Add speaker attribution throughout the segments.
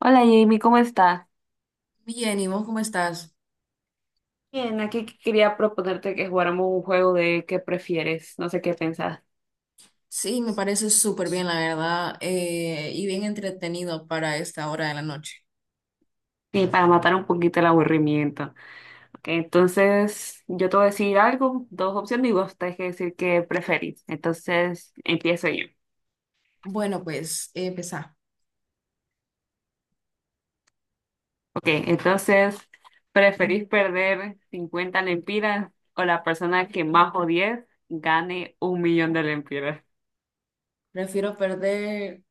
Speaker 1: Hola Jamie, ¿cómo estás?
Speaker 2: Bien, ¿y vos cómo estás?
Speaker 1: Bien, aquí quería proponerte que jugáramos un juego de qué prefieres, no sé qué pensás.
Speaker 2: Sí, me parece súper bien, la verdad, y bien entretenido para esta hora de la noche.
Speaker 1: Sí, para matar un poquito el aburrimiento. Ok, entonces, yo te voy a decir algo, dos opciones y vos tenés que decir qué preferís. Entonces, empiezo yo.
Speaker 2: Bueno, pues empezá.
Speaker 1: Ok, entonces, ¿preferís perder 50 lempiras o la persona que más odies gane 1 millón de lempiras?
Speaker 2: Prefiero perder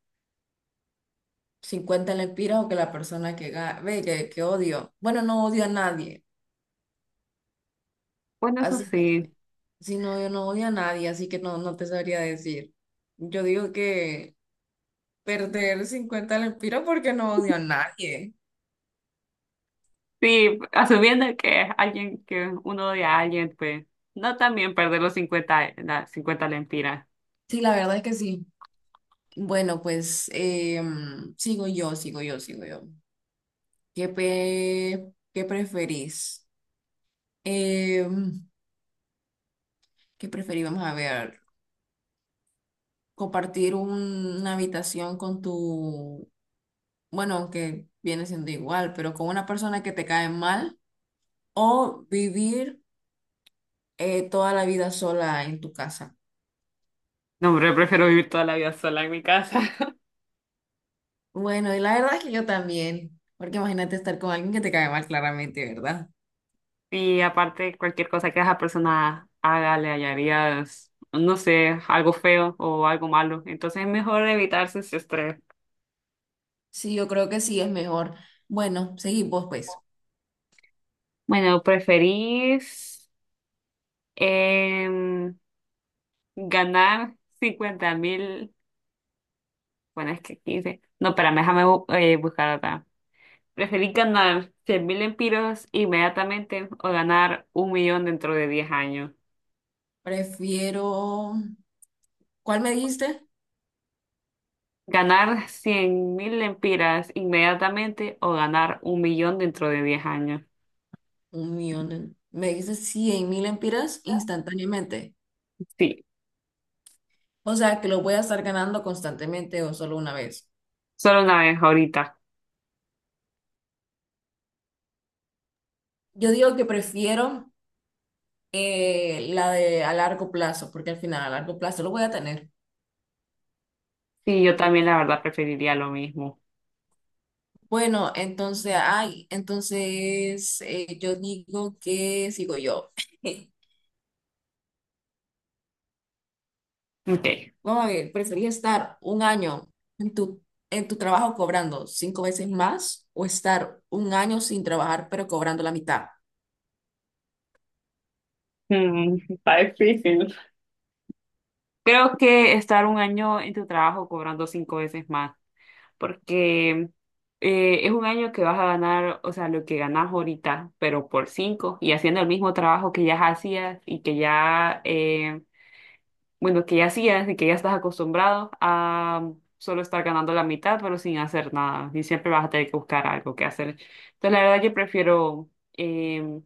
Speaker 2: 50 lempiras o que la persona que ve que odio. Bueno, no odio a nadie,
Speaker 1: Bueno, eso
Speaker 2: así
Speaker 1: sí.
Speaker 2: que si no, yo no odio a nadie, así que no, no te sabría decir. Yo digo que perder 50 lempiras porque no odio a nadie.
Speaker 1: Sí, asumiendo que es alguien, que uno odia a alguien, pues no, también perder los 50, las 50 lempiras.
Speaker 2: Sí, la verdad es que sí. Bueno, pues sigo yo. ¿Qué preferís? Eh, ¿qué preferís? Vamos a ver. Compartir una habitación con tu, bueno, aunque viene siendo igual, pero con una persona que te cae mal, o vivir toda la vida sola en tu casa.
Speaker 1: No, hombre, prefiero vivir toda la vida sola en mi casa.
Speaker 2: Bueno, y la verdad es que yo también, porque imagínate estar con alguien que te cae mal claramente, ¿verdad?
Speaker 1: Y aparte, cualquier cosa que esa persona haga, le hallarías, no sé, algo feo o algo malo. Entonces es mejor evitarse ese estrés.
Speaker 2: Sí, yo creo que sí es mejor. Bueno, seguimos pues.
Speaker 1: Bueno, ¿preferís em, ganar 50 mil? Bueno, es que 15. No, espérame, déjame buscar acá. ¿Preferís ganar 100 mil empiras inmediatamente o ganar 1 millón dentro de 10 años?
Speaker 2: Prefiero, ¿cuál me dijiste?
Speaker 1: ¿Ganar 100 mil empiras inmediatamente o ganar un millón dentro de 10 años?
Speaker 2: 1 millón, me dices 100.000 empiras instantáneamente.
Speaker 1: Sí,
Speaker 2: O sea, que lo voy a estar ganando constantemente o solo una vez.
Speaker 1: solo una vez ahorita.
Speaker 2: Yo digo que prefiero la de a largo plazo, porque al final a largo plazo lo voy a tener.
Speaker 1: Sí, yo
Speaker 2: Y
Speaker 1: también la verdad preferiría lo mismo.
Speaker 2: Bueno, entonces, ay, entonces yo digo que sigo yo.
Speaker 1: Ok.
Speaker 2: Vamos a ver, ¿preferís estar un año en tu, trabajo cobrando 5 veces más, o estar un año sin trabajar pero cobrando la mitad?
Speaker 1: Mm, está difícil. Creo que estar 1 año en tu trabajo cobrando 5 veces más, porque es 1 año que vas a ganar, o sea, lo que ganas ahorita, pero por 5 y haciendo el mismo trabajo que ya hacías y que ya, bueno, que ya hacías y que ya estás acostumbrado a solo estar ganando la mitad, pero sin hacer nada y siempre vas a tener que buscar algo que hacer. Entonces, la verdad, yo prefiero, em,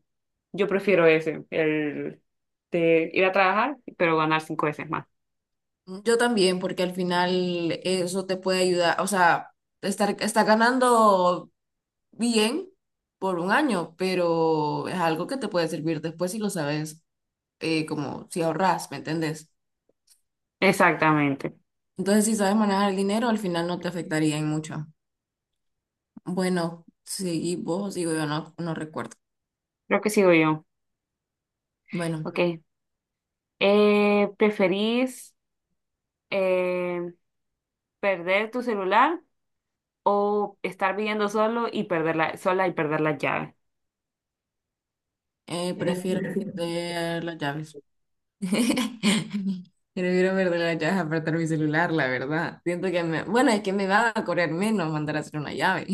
Speaker 1: yo prefiero ese, el de ir a trabajar, pero ganar 5 veces más.
Speaker 2: Yo también, porque al final eso te puede ayudar, o sea, está ganando bien por un año, pero es algo que te puede servir después si lo sabes, como si ahorras, ¿me entendés?
Speaker 1: Exactamente.
Speaker 2: Entonces, si sabes manejar el dinero, al final no te afectaría en mucho. Bueno, seguí vos, digo yo, no, no recuerdo.
Speaker 1: Creo que sigo yo.
Speaker 2: Bueno,
Speaker 1: Ok. ¿Preferís eh, perder tu celular o estar viviendo solo y perderla, sola, y perder la llave?
Speaker 2: prefiero perder las llaves. Prefiero perder las llaves a perder mi celular, la verdad. Siento que bueno, es que me va a correr menos mandar a hacer una llave.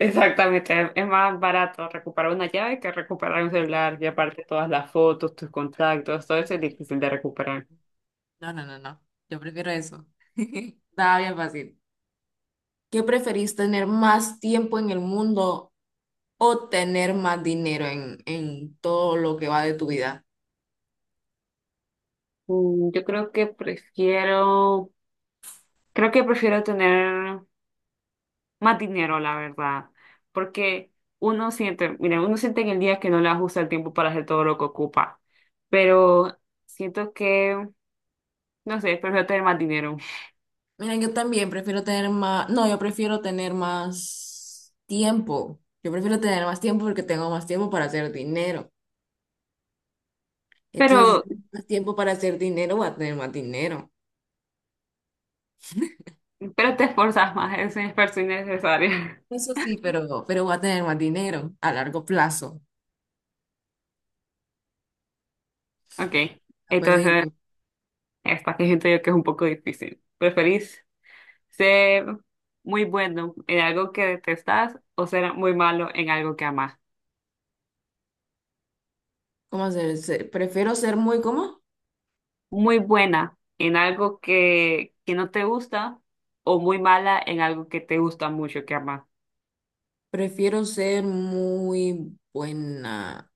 Speaker 1: Exactamente, es más barato recuperar una llave que recuperar un celular y aparte todas las fotos, tus contactos, todo eso es difícil de recuperar.
Speaker 2: No, no, no, no. Yo prefiero eso. Está bien fácil. ¿Qué preferís, tener más tiempo en el mundo o tener más dinero en todo lo que va de tu vida?
Speaker 1: Mm, yo creo que prefiero tener más dinero, la verdad, porque uno siente, mira, uno siente en el día que no le ajusta el tiempo para hacer todo lo que ocupa, pero siento que, no sé, prefiero tener más dinero.
Speaker 2: Mira, yo también prefiero tener más, no, yo prefiero tener más tiempo. Yo prefiero tener más tiempo porque tengo más tiempo para hacer dinero. Entonces, si
Speaker 1: Pero,
Speaker 2: tengo más tiempo para hacer dinero, voy a tener más dinero.
Speaker 1: pero te esforzas más, es un esfuerzo innecesario.
Speaker 2: Eso sí, pero, voy a tener más dinero a largo plazo.
Speaker 1: Ok,
Speaker 2: Ah, pues sí,
Speaker 1: entonces
Speaker 2: pues,
Speaker 1: esta que siento yo que es un poco difícil. ¿Preferís ser muy bueno en algo que detestas o ser muy malo en algo que amas?
Speaker 2: ¿cómo se- Prefiero ser muy, ¿cómo?
Speaker 1: Muy buena en algo que no te gusta, o muy mala en algo que te gusta mucho, que amas.
Speaker 2: Prefiero ser muy buena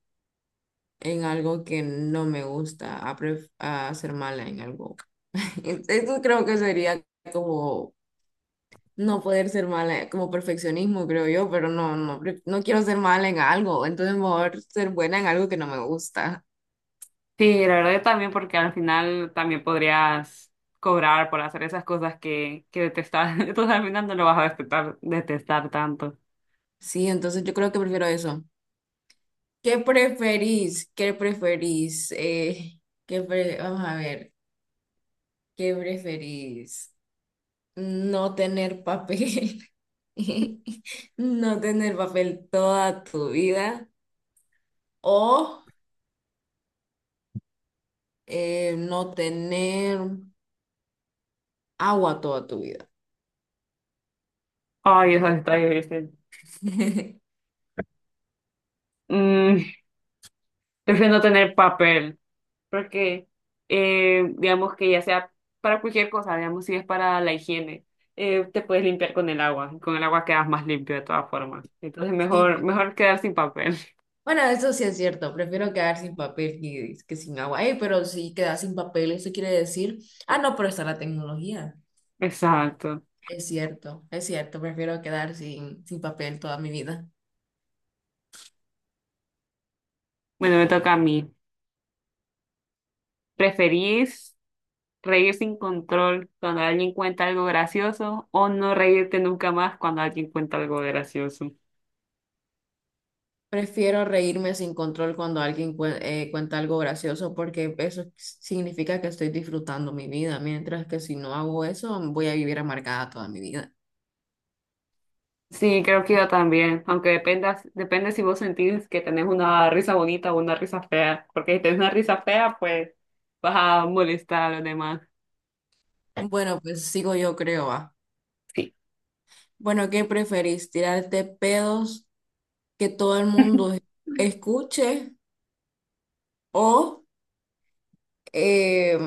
Speaker 2: en algo que no me gusta, a ser mala en algo. Esto creo que sería como no poder ser mala, como perfeccionismo, creo yo, pero no, no quiero ser mala en algo, entonces mejor ser buena en algo que no me gusta.
Speaker 1: Sí, la verdad yo también, porque al final también podrías cobrar por hacer esas cosas que detestas. Entonces al final no lo vas a detestar, detestar tanto.
Speaker 2: Sí, entonces yo creo que prefiero eso. ¿Qué preferís? Vamos a ver, ¿qué preferís? ¿No tener papel? ¿No tener papel toda tu vida? ¿O no tener agua toda tu vida?
Speaker 1: Ay, eso está difícil. Mm, prefiero no tener papel, porque digamos que ya sea para cualquier cosa, digamos si es para la higiene, te puedes limpiar con el agua, y con el agua quedas más limpio de todas formas. Entonces mejor,
Speaker 2: Sí.
Speaker 1: mejor quedar sin papel.
Speaker 2: Bueno, eso sí es cierto. Prefiero quedar sin papel que sin agua. Ey, pero si quedas sin papel, eso quiere decir... Ah, no, pero está la tecnología.
Speaker 1: Exacto.
Speaker 2: Es cierto, prefiero quedar sin, papel toda mi vida.
Speaker 1: Bueno, me toca a mí. ¿Preferís reír sin control cuando alguien cuenta algo gracioso o no reírte nunca más cuando alguien cuenta algo gracioso?
Speaker 2: Prefiero reírme sin control cuando alguien cuenta algo gracioso, porque eso significa que estoy disfrutando mi vida, mientras que si no hago eso voy a vivir amargada toda mi vida.
Speaker 1: Sí, creo que yo también, aunque dependa, depende si vos sentís que tenés una risa bonita o una risa fea, porque si tenés una risa fea, pues vas a molestar a los demás.
Speaker 2: Bueno, pues sigo yo creo, va.
Speaker 1: Sí.
Speaker 2: Bueno, ¿qué preferís? ¿Tirarte pedos que todo el mundo escuche o eh,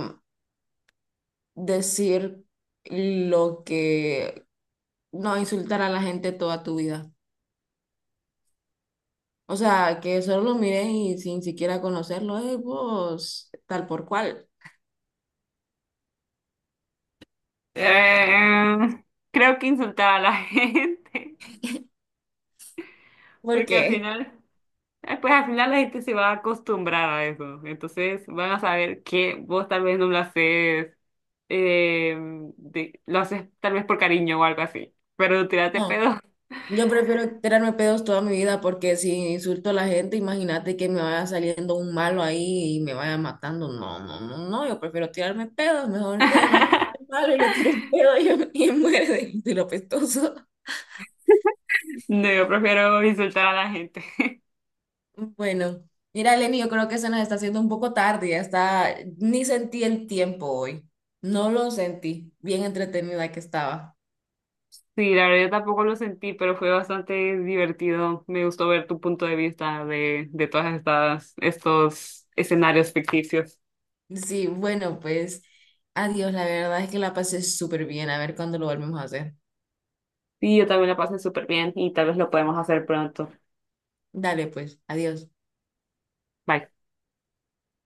Speaker 2: decir lo que... no, insultar a la gente toda tu vida? O sea, que solo lo miren y sin siquiera conocerlo, vos, tal por cual.
Speaker 1: Eh, creo que insultar a la gente,
Speaker 2: ¿Por
Speaker 1: porque al
Speaker 2: qué?
Speaker 1: final, pues al final la gente se va a acostumbrar a eso, entonces van a saber que vos tal vez no lo haces, eh, lo haces tal vez por cariño o algo así, pero tirate
Speaker 2: No,
Speaker 1: pedo.
Speaker 2: yo prefiero tirarme pedos toda mi vida, porque si insulto a la gente, imagínate que me vaya saliendo un malo ahí y me vaya matando. No, no, no, no, yo prefiero tirarme pedos, mejor que me salte el malo y le tiro un pedo, y muere de, lo pestoso.
Speaker 1: No, yo prefiero insultar a la gente.
Speaker 2: Bueno, mira, Lenny, yo creo que se nos está haciendo un poco tarde, ya está, ni sentí el tiempo hoy, no lo sentí, bien entretenida que estaba.
Speaker 1: Sí, la verdad yo tampoco lo sentí, pero fue bastante divertido. Me gustó ver tu punto de vista de todas estas, estos escenarios ficticios.
Speaker 2: Sí, bueno, pues adiós, la verdad es que la pasé súper bien, a ver cuándo lo volvemos a hacer.
Speaker 1: Sí, yo también la pasé súper bien y tal vez lo podemos hacer pronto.
Speaker 2: Dale, pues, adiós.
Speaker 1: Bye.